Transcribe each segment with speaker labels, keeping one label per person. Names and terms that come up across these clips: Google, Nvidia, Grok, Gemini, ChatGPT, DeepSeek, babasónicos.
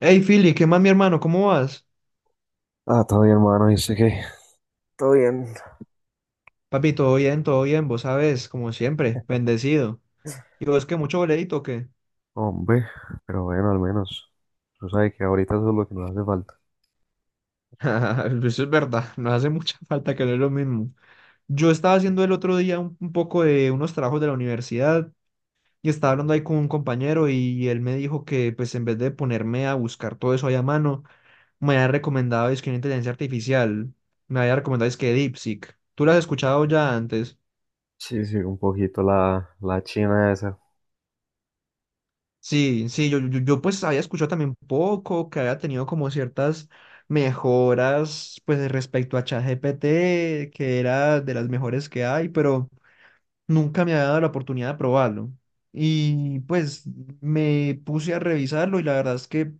Speaker 1: Hey, Philly, ¿qué más, mi hermano? ¿Cómo vas?
Speaker 2: Ah, todavía hermano, dice que,
Speaker 1: Papi, todo bien, vos sabes, como siempre, bendecido. ¿Y vos que mucho boleíto o qué?
Speaker 2: hombre, pero bueno, al menos, tú sabes que ahorita eso es lo que nos hace falta.
Speaker 1: Eso es verdad, nos hace mucha falta que no es lo mismo. Yo estaba haciendo el otro día un poco de unos trabajos de la universidad y estaba hablando ahí con un compañero y él me dijo que, pues, en vez de ponerme a buscar todo eso ahí a mano, me había recomendado es que una inteligencia artificial, me había recomendado es que DeepSeek. ¿Tú lo has escuchado ya antes?
Speaker 2: Sí, sí, un poquito la china esa.
Speaker 1: Sí, sí, yo, pues había escuchado también poco, que había tenido como ciertas mejoras pues respecto a ChatGPT, que era de las mejores que hay, pero nunca me había dado la oportunidad de probarlo. Y pues me puse a revisarlo y la verdad es que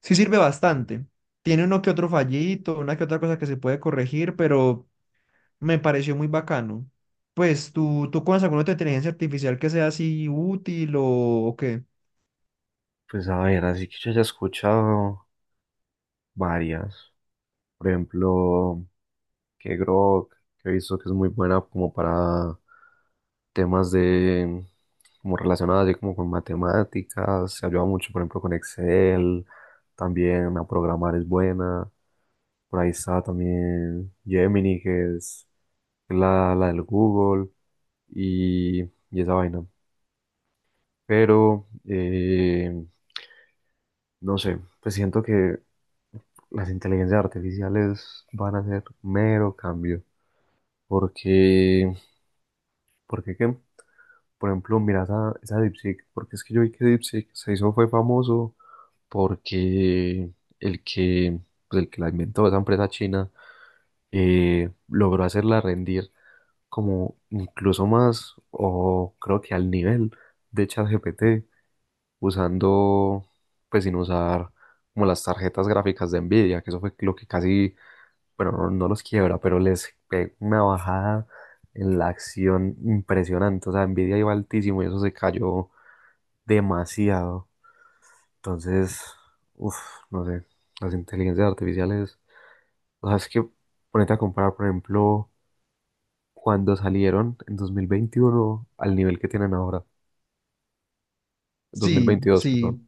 Speaker 1: sí sirve bastante. Tiene uno que otro fallito, una que otra cosa que se puede corregir, pero me pareció muy bacano. ¿Pues tú conoces alguna otra inteligencia artificial que sea así útil o qué?
Speaker 2: Pues a ver, así que yo ya he escuchado varias. Por ejemplo, que Grok, que he visto que es muy buena como para temas de, como relacionadas así como con matemáticas, se ayuda mucho, por ejemplo, con Excel, también a programar es buena, por ahí está también Gemini, que es la del Google y, y esa vaina. Pero, no sé, pues siento que las inteligencias artificiales van a hacer mero cambio. Porque, ¿por qué qué? Por ejemplo, mira esa DeepSeek, porque es que yo vi que DeepSeek se hizo, fue famoso porque el que, pues el que la inventó, esa empresa china, logró hacerla rendir como incluso más, o creo que al nivel de ChatGPT, usando, pues sin usar como las tarjetas gráficas de Nvidia, que eso fue lo que casi bueno, no los quiebra, pero les pega una bajada en la acción impresionante. O sea, Nvidia iba altísimo y eso se cayó demasiado. Entonces, uff, no sé, las inteligencias artificiales, o sea, es que ponete a comparar, por ejemplo, cuando salieron en 2021 al nivel que tienen ahora,
Speaker 1: Sí,
Speaker 2: 2022,
Speaker 1: sí.
Speaker 2: perdón.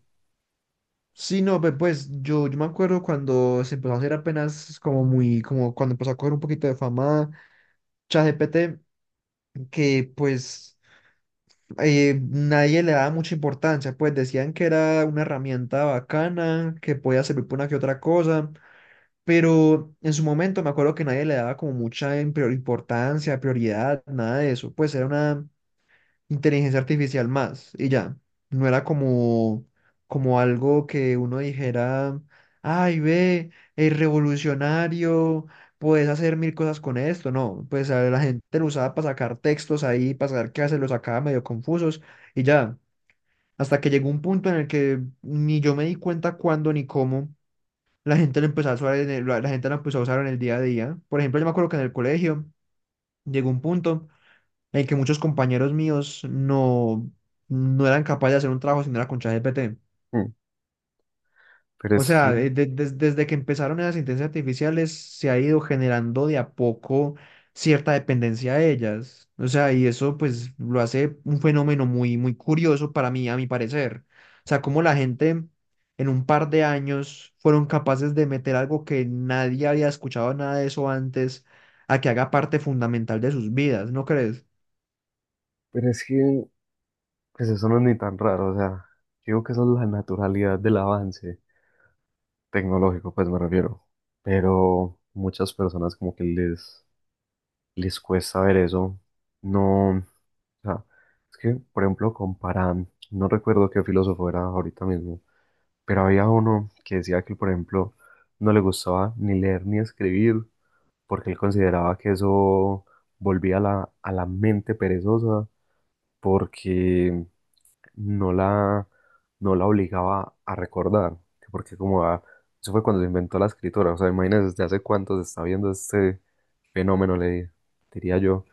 Speaker 1: Sí, no, pues yo me acuerdo cuando se empezó a hacer apenas como cuando empezó a coger un poquito de fama ChatGPT, que pues nadie le daba mucha importancia, pues decían que era una herramienta bacana, que podía servir para una que otra cosa, pero en su momento me acuerdo que nadie le daba como mucha importancia, prioridad, nada de eso, pues era una inteligencia artificial más y ya. No era como algo que uno dijera, ay, ve, es revolucionario, puedes hacer mil cosas con esto. No, pues a la gente lo usaba para sacar textos ahí, para saber qué hacer, los sacaba medio confusos y ya. Hasta que llegó un punto en el que ni yo me di cuenta cuándo ni cómo la gente lo empezó a usar la gente lo empezó a usar en el día a día. Por ejemplo, yo me acuerdo que en el colegio llegó un punto en que muchos compañeros míos no, no eran capaces de hacer un trabajo si no era con ChatGPT.
Speaker 2: Mm. Pero
Speaker 1: O
Speaker 2: es
Speaker 1: sea,
Speaker 2: que,
Speaker 1: desde que empezaron esas inteligencias artificiales, se ha ido generando de a poco cierta dependencia a ellas. O sea, y eso pues lo hace un fenómeno muy, muy curioso para mí, a mi parecer. O sea, como la gente en un par de años fueron capaces de meter algo que nadie había escuchado nada de eso antes, a que haga parte fundamental de sus vidas, ¿no crees?
Speaker 2: pero es que, pues eso no es ni tan raro, o sea, digo que eso es la naturalidad del avance tecnológico, pues me refiero. Pero muchas personas como que les cuesta ver eso. No, o sea, es que, por ejemplo, comparan, no recuerdo qué filósofo era ahorita mismo, pero había uno que decía que, por ejemplo, no le gustaba ni leer ni escribir porque él consideraba que eso volvía a a la mente perezosa porque no la, no la obligaba a recordar, que porque eso fue cuando se inventó la escritura, o sea, imagínense desde hace cuánto se está viendo este fenómeno, le diría yo,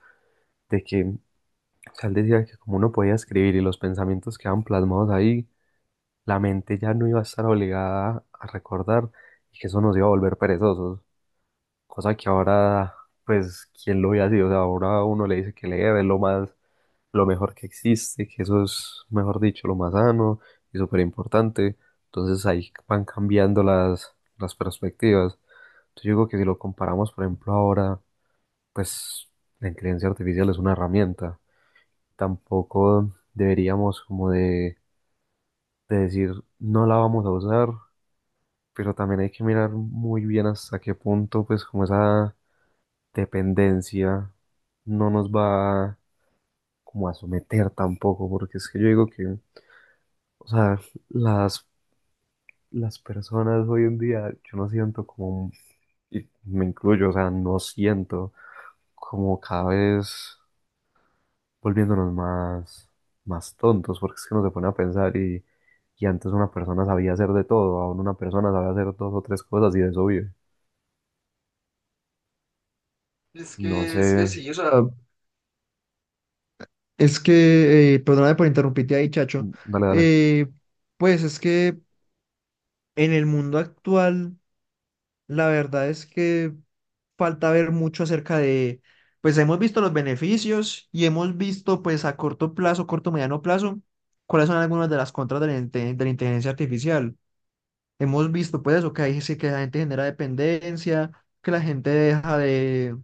Speaker 2: de que, o sea, él decía que como uno podía escribir y los pensamientos quedaban plasmados ahí, la mente ya no iba a estar obligada a recordar y que eso nos iba a volver perezosos, cosa que ahora, pues, ¿quién lo hubiera sido? O sea, ahora uno le dice que leer es lo mejor que existe, que eso es, mejor dicho, lo más sano y súper importante. Entonces ahí van cambiando las perspectivas. Entonces yo digo que si lo comparamos, por ejemplo, ahora, pues la inteligencia artificial es una herramienta. Tampoco deberíamos de decir no la vamos a usar, pero también hay que mirar muy bien hasta qué punto, pues como esa dependencia no nos va como a someter tampoco, porque es que yo digo que, o sea, las, las personas hoy en día, yo no siento como, y me incluyo, o sea, no siento como cada vez volviéndonos más tontos, porque es que uno se pone a pensar y antes una persona sabía hacer de todo, ahora una persona sabe hacer dos o tres cosas y de eso vive.
Speaker 1: Es
Speaker 2: No
Speaker 1: que,
Speaker 2: sé,
Speaker 1: es que sí, o sea, es que, perdóname por interrumpirte ahí, Chacho.
Speaker 2: mm, dale, dale.
Speaker 1: Eh, pues es que en el mundo actual, la verdad es que falta ver mucho acerca de, pues hemos visto los beneficios y hemos visto pues a corto plazo, corto, mediano plazo, cuáles son algunas de las contras de la inteligencia artificial. Hemos visto pues eso, que ahí sí que la gente genera dependencia, que la gente deja de,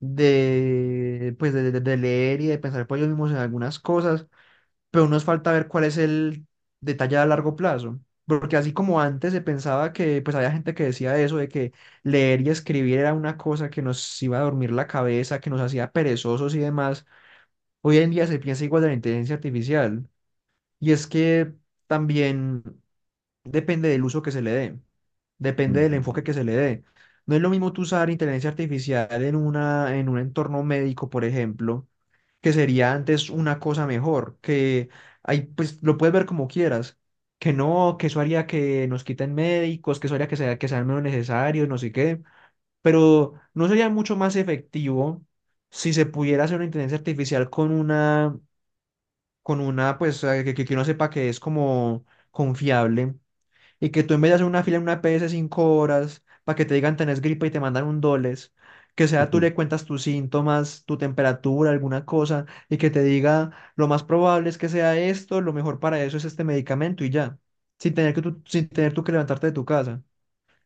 Speaker 1: de, pues, de leer y de pensar por ellos mismos en algunas cosas, pero nos falta ver cuál es el detalle a largo plazo. Porque así como antes se pensaba que, pues había gente que decía eso, de que leer y escribir era una cosa que nos iba a dormir la cabeza, que nos hacía perezosos y demás, hoy en día se piensa igual de la inteligencia artificial. Y es que también depende del uso que se le dé, depende del
Speaker 2: Ujú.
Speaker 1: enfoque que se le dé. No es lo mismo tú usar inteligencia artificial en una, en un entorno médico, por ejemplo, que sería antes una cosa mejor, que ahí pues lo puedes ver como quieras, que no, que eso haría que nos quiten médicos, que eso haría que sea, que sean menos necesarios, no sé qué, pero no sería mucho más efectivo si se pudiera hacer una inteligencia artificial con una, pues que uno sepa que es como confiable, y que tú en vez de hacer una fila en una PS 5 horas para que te digan tenés gripa y te mandan un doles, que sea tú
Speaker 2: Ujú.
Speaker 1: le cuentas tus síntomas, tu temperatura, alguna cosa, y que te diga lo más probable es que sea esto, lo mejor para eso es este medicamento y ya, sin tener que tú, sin tener tú que levantarte de tu casa.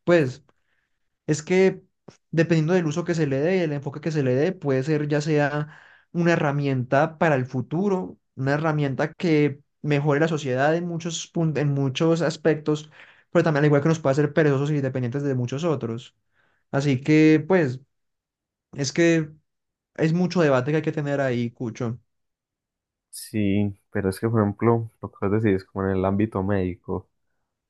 Speaker 1: Pues es que dependiendo del uso que se le dé y el enfoque que se le dé, puede ser ya sea una herramienta para el futuro, una herramienta que mejore la sociedad en muchos en muchos aspectos, pero también al igual que nos puede hacer perezosos y dependientes de muchos otros. Así que, pues, es que es mucho debate que hay que tener ahí, Cucho.
Speaker 2: Sí, pero es que, por ejemplo, lo que vos decís, como en el ámbito médico.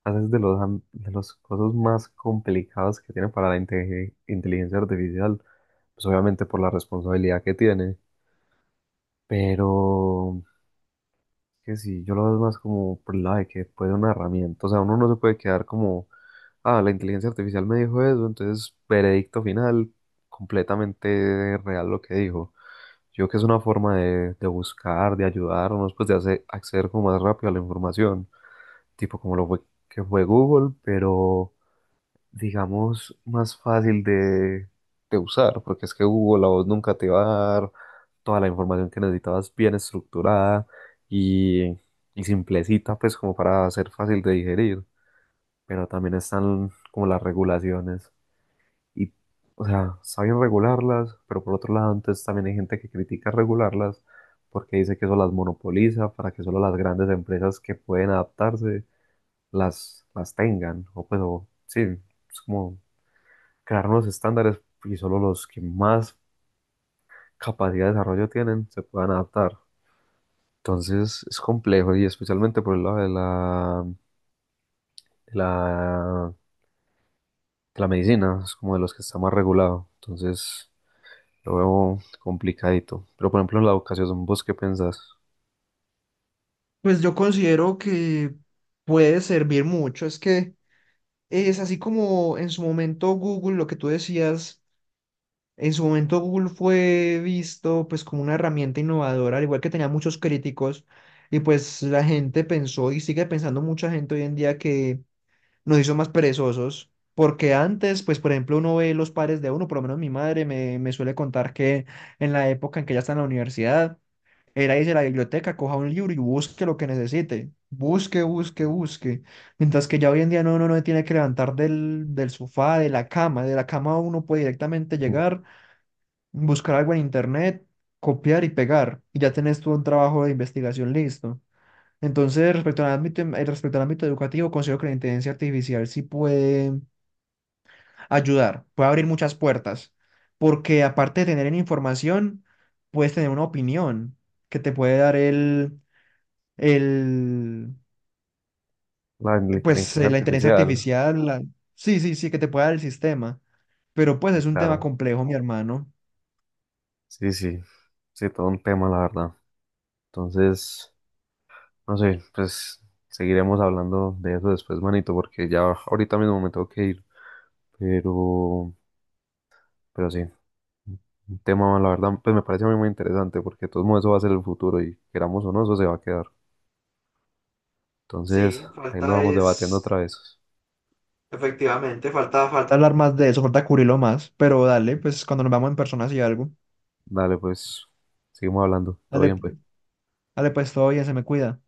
Speaker 2: Haces de los, de los cosas más complicadas que tiene para la inteligencia artificial, pues obviamente por la responsabilidad que tiene, pero que sí, yo lo veo más como por el lado de que puede una herramienta, o sea, uno no se puede quedar como, ah, la inteligencia artificial me dijo eso, entonces veredicto final, completamente real lo que dijo. Yo creo que es una forma de buscar, de ayudarnos, pues de hacer, acceder como más rápido a la información, tipo como lo fue, que fue Google, pero digamos, más fácil de usar, porque es que Google a vos nunca te va a dar toda la información que necesitabas bien estructurada y, y simplecita, pues como para ser fácil de digerir. Pero también están como las regulaciones y, o sea, saben regularlas, pero por otro lado, antes también hay gente que critica regularlas porque dice que eso las monopoliza para que solo las grandes empresas que pueden adaptarse las tengan, o pues, o, sí, es como crear unos estándares y solo los que más capacidad de desarrollo tienen se puedan adaptar. Entonces es complejo y especialmente por el lado de de la, de la medicina, es como de los que está más regulado. Entonces lo veo complicadito. Pero por ejemplo en la educación, ¿vos qué pensás?
Speaker 1: Pues yo considero que puede servir mucho. Es que es así como en su momento Google, lo que tú decías. En su momento Google fue visto pues como una herramienta innovadora, al igual que tenía muchos críticos, y pues la gente pensó y sigue pensando mucha gente hoy en día que nos hizo más perezosos, porque antes pues por ejemplo uno ve los padres de uno, por lo menos mi madre me suele contar que en la época en que ella está en la universidad, era irse a la biblioteca, coja un libro y busque lo que necesite, busque, busque, busque, mientras que ya hoy en día no, uno no tiene que levantar del sofá, de la cama, uno puede directamente llegar, buscar algo en internet, copiar y pegar, y ya tenés todo un trabajo de investigación listo. Entonces, respecto al ámbito, respecto al ámbito educativo, considero que la inteligencia artificial sí puede ayudar, puede abrir muchas puertas, porque aparte de tener información, puedes tener una opinión que te puede dar el,
Speaker 2: La, la
Speaker 1: pues,
Speaker 2: inteligencia
Speaker 1: la inteligencia
Speaker 2: artificial,
Speaker 1: artificial, sí, sí, sí, que te puede dar el sistema, pero pues
Speaker 2: sí,
Speaker 1: es un tema
Speaker 2: claro.
Speaker 1: complejo, mi hermano.
Speaker 2: Sí, sí, sí, todo un tema, la verdad. Entonces, no sé, pues seguiremos hablando de eso después, manito, porque ya ahorita mismo me tengo que ir. Pero, pero sí, un tema, la verdad, pues me parece a mí muy interesante porque de todos modos eso va a ser el futuro y queramos o no, eso se va a quedar. Entonces,
Speaker 1: Sí,
Speaker 2: ahí lo
Speaker 1: falta
Speaker 2: vamos debatiendo
Speaker 1: es.
Speaker 2: otra vez.
Speaker 1: Efectivamente, falta, falta hablar más de eso, falta cubrirlo más, pero dale, pues cuando nos vamos en persona y algo.
Speaker 2: Dale, pues, seguimos hablando. Todo
Speaker 1: Dale,
Speaker 2: bien, pues.
Speaker 1: dale pues todo bien, se me cuida.